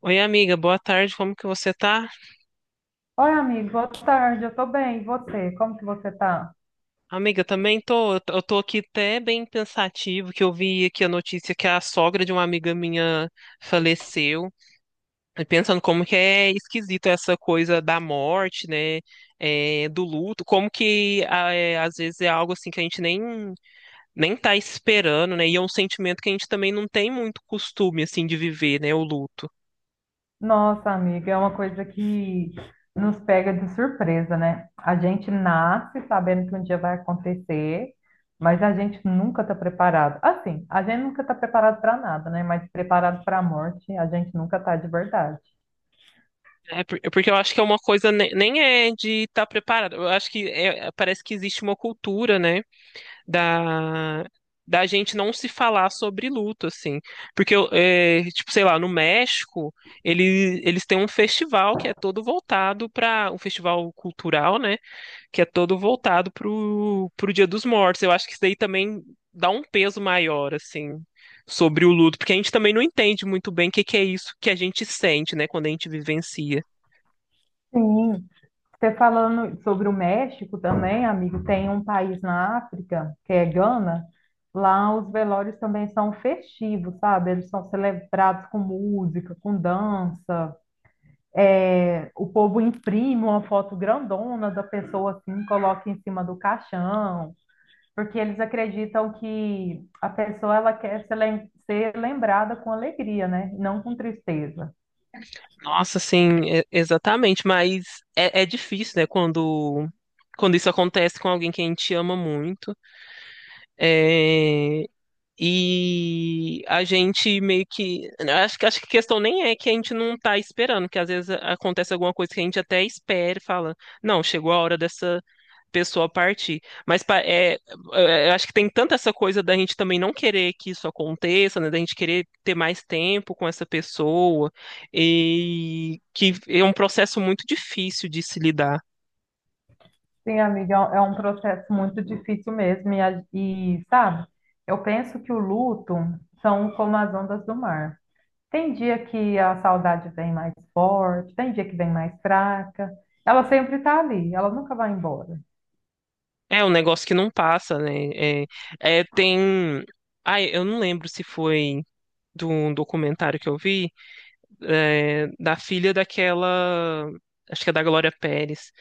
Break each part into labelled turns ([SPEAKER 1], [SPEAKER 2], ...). [SPEAKER 1] Oi, amiga, boa tarde, como que você tá?
[SPEAKER 2] Oi, amigo, boa tarde, eu tô bem, e você? Como que você tá?
[SPEAKER 1] Amiga, também tô, eu tô aqui até bem pensativo, que eu vi aqui a notícia que a sogra de uma amiga minha faleceu, e pensando como que é esquisito essa coisa da morte, né, do luto, como que às vezes é algo assim que a gente nem tá esperando, né, e é um sentimento que a gente também não tem muito costume, assim, de viver, né, o luto.
[SPEAKER 2] Nossa, amiga, é uma coisa que nos pega de surpresa, né? A gente nasce sabendo que um dia vai acontecer, mas a gente nunca está preparado. Assim, a gente nunca está preparado para nada, né? Mas preparado para a morte, a gente nunca está de verdade.
[SPEAKER 1] É porque eu acho que é uma coisa nem é de estar preparado. Eu acho que é, parece que existe uma cultura, né, da da gente não se falar sobre luto, assim. Porque eu, é, tipo, sei lá, no México, eles têm um festival que é todo voltado para um festival cultural, né, que é todo voltado pro Dia dos Mortos. Eu acho que isso daí também dá um peso maior, assim. Sobre o luto, porque a gente também não entende muito bem o que que é isso que a gente sente, né, quando a gente vivencia.
[SPEAKER 2] Sim. Você falando sobre o México também, amigo, tem um país na África, que é Gana. Lá os velórios também são festivos, sabe? Eles são celebrados com música, com dança. É, o povo imprime uma foto grandona da pessoa assim, coloca em cima do caixão, porque eles acreditam que a pessoa ela quer ser lembrada com alegria, né? Não com tristeza.
[SPEAKER 1] Nossa, sim, exatamente, mas é, é difícil, né, quando isso acontece com alguém que a gente ama muito, é, e a gente meio que, acho, acho que a questão nem é que a gente não tá esperando, que às vezes acontece alguma coisa que a gente até espera e fala, não, chegou a hora dessa pessoa partir. Mas é, eu acho que tem tanta essa coisa da gente também não querer que isso aconteça, né? Da gente querer ter mais tempo com essa pessoa, e que é um processo muito difícil de se lidar.
[SPEAKER 2] Sim, amiga, é um processo muito difícil mesmo. E, sabe, eu penso que o luto são como as ondas do mar. Tem dia que a saudade vem mais forte, tem dia que vem mais fraca. Ela sempre está ali, ela nunca vai embora.
[SPEAKER 1] É um negócio que não passa, né? É, é, tem. Ai, eu não lembro se foi de um documentário que eu vi, é, da filha daquela. Acho que é da Glória Pérez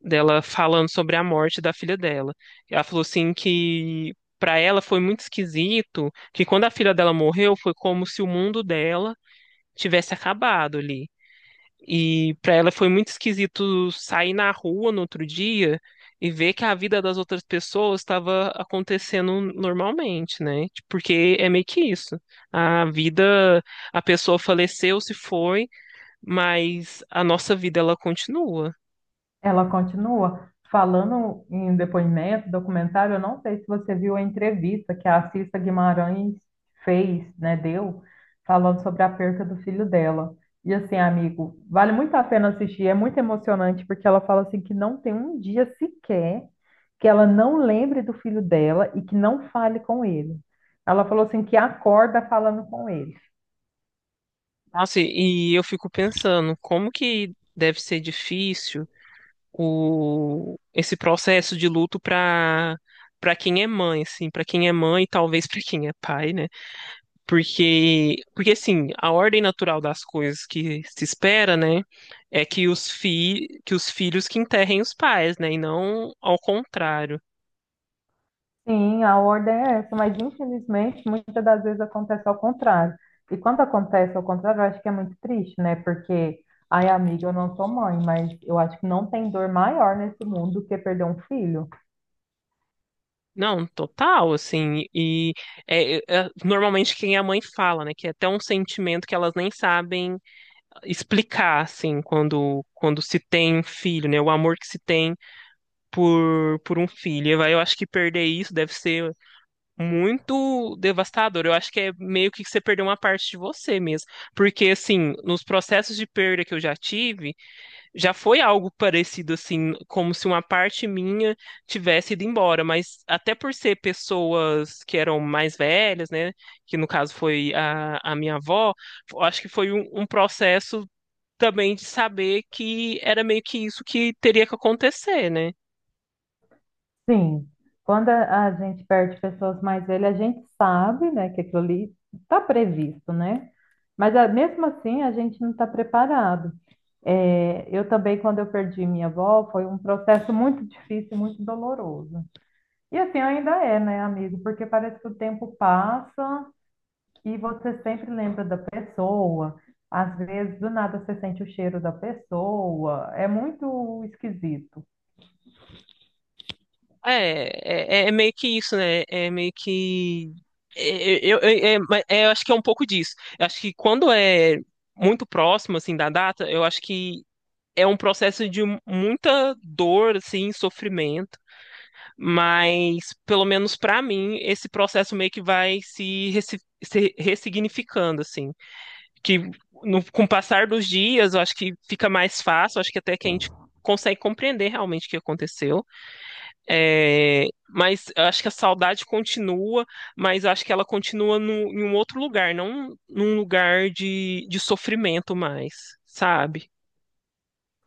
[SPEAKER 1] dela falando sobre a morte da filha dela. Ela falou assim que para ela foi muito esquisito, que quando a filha dela morreu foi como se o mundo dela tivesse acabado ali. E para ela foi muito esquisito sair na rua no outro dia e ver que a vida das outras pessoas estava acontecendo normalmente, né? Tipo, porque é meio que isso. A vida, a pessoa faleceu, se foi, mas a nossa vida ela continua.
[SPEAKER 2] Ela continua falando em depoimento, documentário. Eu não sei se você viu a entrevista que a Cissa Guimarães fez, né, deu, falando sobre a perca do filho dela. E assim, amigo, vale muito a pena assistir. É muito emocionante porque ela fala assim que não tem um dia sequer que ela não lembre do filho dela e que não fale com ele. Ela falou assim que acorda falando com ele.
[SPEAKER 1] Nossa, e eu fico pensando, como que deve ser difícil o, esse processo de luto para quem é mãe, assim, para quem é mãe e talvez para quem é pai, né? Porque assim, a ordem natural das coisas que se espera, né, é que os que os filhos que enterrem os pais, né, e não ao contrário.
[SPEAKER 2] Sim, a ordem é essa, mas infelizmente muitas das vezes acontece ao contrário. E quando acontece ao contrário, eu acho que é muito triste, né? Porque, ai, amiga, eu não sou mãe, mas eu acho que não tem dor maior nesse mundo do que perder um filho.
[SPEAKER 1] Não, total, assim, e é, é, normalmente quem é mãe fala, né, que é até um sentimento que elas nem sabem explicar, assim, quando se tem um filho, né? O amor que se tem por um filho. Eu acho que perder isso deve ser muito devastador. Eu acho que é meio que você perdeu uma parte de você mesmo. Porque, assim, nos processos de perda que eu já tive, já foi algo parecido, assim, como se uma parte minha tivesse ido embora. Mas até por ser pessoas que eram mais velhas, né? Que no caso foi a minha avó, eu acho que foi um processo também de saber que era meio que isso que teria que acontecer, né?
[SPEAKER 2] Sim, quando a gente perde pessoas mais velhas, a gente sabe, né, que aquilo ali está previsto, né? Mas ah, mesmo assim, a gente não está preparado. É, eu também, quando eu perdi minha avó, foi um processo muito difícil, e muito doloroso. E assim ainda é, né, amigo? Porque parece que o tempo passa e você sempre lembra da pessoa. Às vezes, do nada, você sente o cheiro da pessoa. É muito esquisito.
[SPEAKER 1] É, é, é é meio que isso, né? É meio que. Eu acho que é um pouco disso. Eu acho que quando é muito próximo, assim, da data, eu acho que é um processo de muita dor, assim, sofrimento, mas, pelo menos pra mim, esse processo meio que vai se ressignificando, assim. Que no, com o passar dos dias, eu acho que fica mais fácil, eu acho que até que a gente consegue compreender realmente o que aconteceu. É, mas eu acho que a saudade continua, mas eu acho que ela continua no, em um outro lugar, não num lugar de sofrimento mais, sabe?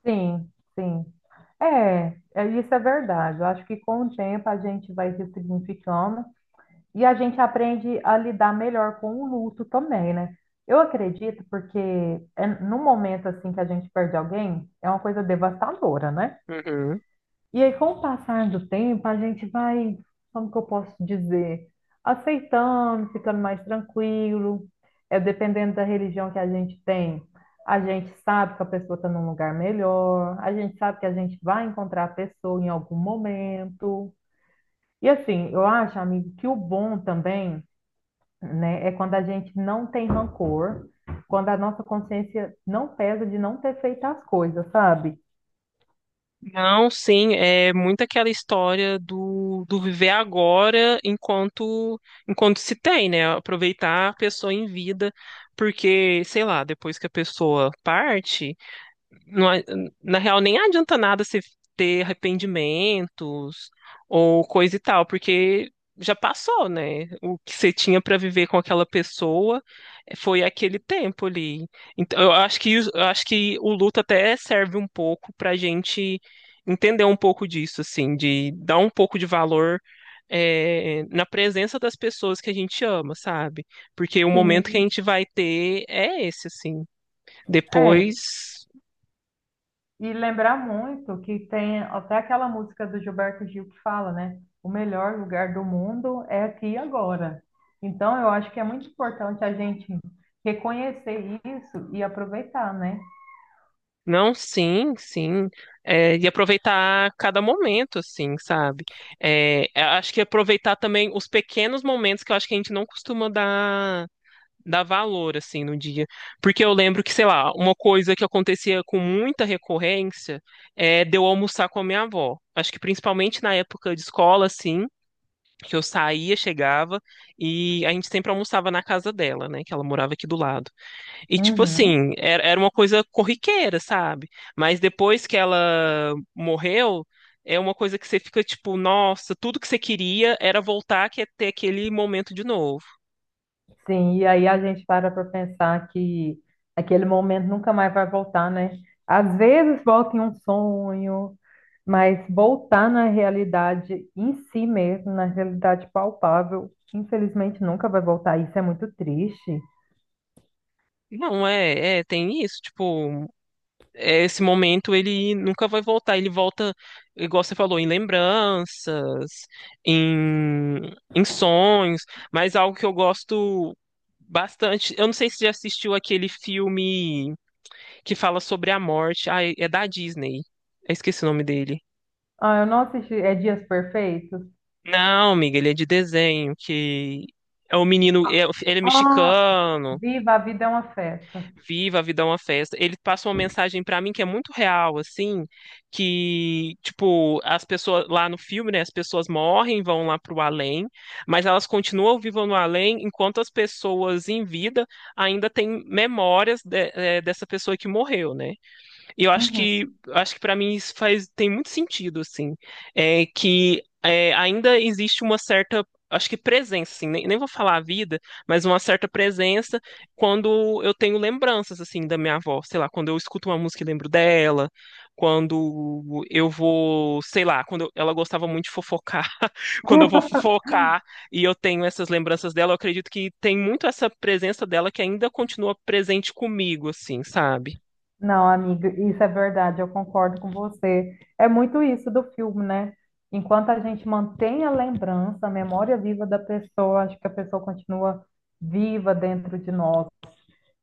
[SPEAKER 2] Sim, sim. Isso é verdade. Eu acho que com o tempo a gente vai se significando e a gente aprende a lidar melhor com o luto também, né? Eu acredito porque é, no momento assim que a gente perde alguém, é uma coisa devastadora, né?
[SPEAKER 1] Uhum.
[SPEAKER 2] E aí, com o passar do tempo, a gente vai, como que eu posso dizer, aceitando, ficando mais tranquilo. É dependendo da religião que a gente tem, a gente sabe que a pessoa está num lugar melhor, a gente sabe que a gente vai encontrar a pessoa em algum momento. E assim, eu acho, amigo, que o bom também, né, é quando a gente não tem rancor, quando a nossa consciência não pesa de não ter feito as coisas, sabe?
[SPEAKER 1] Não, sim, é muito aquela história do, do viver agora enquanto se tem, né? Aproveitar a pessoa em vida, porque, sei lá, depois que a pessoa parte, não a- na real, nem adianta nada você ter arrependimentos ou coisa e tal, porque já passou, né? O que você tinha para viver com aquela pessoa foi aquele tempo ali. Então, eu acho que o luto até serve um pouco para gente entender um pouco disso, assim, de dar um pouco de valor. É, na presença das pessoas que a gente ama, sabe? Porque o momento que a
[SPEAKER 2] Sim,
[SPEAKER 1] gente vai ter é esse, assim. Depois.
[SPEAKER 2] e lembrar muito que tem até aquela música do Gilberto Gil que fala, né? O melhor lugar do mundo é aqui e agora. Então, eu acho que é muito importante a gente reconhecer isso e aproveitar, né?
[SPEAKER 1] Não, sim, sim. É, e aproveitar cada momento, assim, sabe? É, eu acho que aproveitar também os pequenos momentos que eu acho que a gente não costuma dar valor, assim, no dia. Porque eu lembro que, sei lá, uma coisa que acontecia com muita recorrência é de eu almoçar com a minha avó. Acho que principalmente na época de escola, assim, que eu saía, chegava, e a gente sempre almoçava na casa dela, né? Que ela morava aqui do lado. E, tipo
[SPEAKER 2] Uhum.
[SPEAKER 1] assim, era uma coisa corriqueira, sabe? Mas depois que ela morreu, é uma coisa que você fica tipo, nossa, tudo que você queria era voltar, que é ter aquele momento de novo.
[SPEAKER 2] Sim, e aí a gente para pensar que aquele momento nunca mais vai voltar, né? Às vezes volta em um sonho, mas voltar na realidade em si mesmo, na realidade palpável, infelizmente nunca vai voltar. Isso é muito triste.
[SPEAKER 1] Não, é, é, tem isso, tipo, é, esse momento ele nunca vai voltar, ele volta, igual você falou, em lembranças, em, em sonhos, mas algo que eu gosto bastante, eu não sei se você já assistiu aquele filme que fala sobre a morte. Ah, é é da Disney. Eu esqueci o nome dele.
[SPEAKER 2] Ah, eu não assisti. É Dias Perfeitos?
[SPEAKER 1] Não, amiga, ele é de desenho, que é o menino, ele é
[SPEAKER 2] Ah,
[SPEAKER 1] mexicano,
[SPEAKER 2] Viva a Vida é uma Festa.
[SPEAKER 1] viva a vida é uma festa. Ele passa uma mensagem pra mim que é muito real, assim, que, tipo, as pessoas lá no filme, né, as pessoas morrem, vão lá pro além, mas elas continuam vivas no além, enquanto as pessoas em vida ainda têm memórias dessa pessoa que morreu, né? E eu acho que para mim isso faz tem muito sentido assim, é que é, ainda existe uma certa acho que presença assim, nem vou falar a vida, mas uma certa presença quando eu tenho lembranças assim da minha avó, sei lá, quando eu escuto uma música e lembro dela, quando eu vou, sei lá, ela gostava muito de fofocar, quando eu vou fofocar e eu tenho essas lembranças dela, eu acredito que tem muito essa presença dela que ainda continua presente comigo assim, sabe?
[SPEAKER 2] Não, amiga, isso é verdade, eu concordo com você. É muito isso do filme, né? Enquanto a gente mantém a lembrança, a memória viva da pessoa, acho que a pessoa continua viva dentro de nós.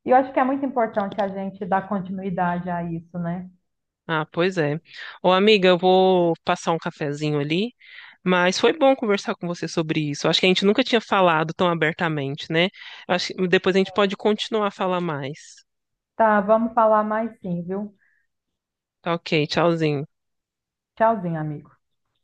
[SPEAKER 2] E eu acho que é muito importante a gente dar continuidade a isso, né?
[SPEAKER 1] Ah, pois é. Ô, amiga, eu vou passar um cafezinho ali, mas foi bom conversar com você sobre isso. Acho que a gente nunca tinha falado tão abertamente, né? Acho que depois a gente pode continuar a falar mais.
[SPEAKER 2] Tá, vamos falar mais sim, viu?
[SPEAKER 1] Tá, ok, tchauzinho.
[SPEAKER 2] Tchauzinho, amigo.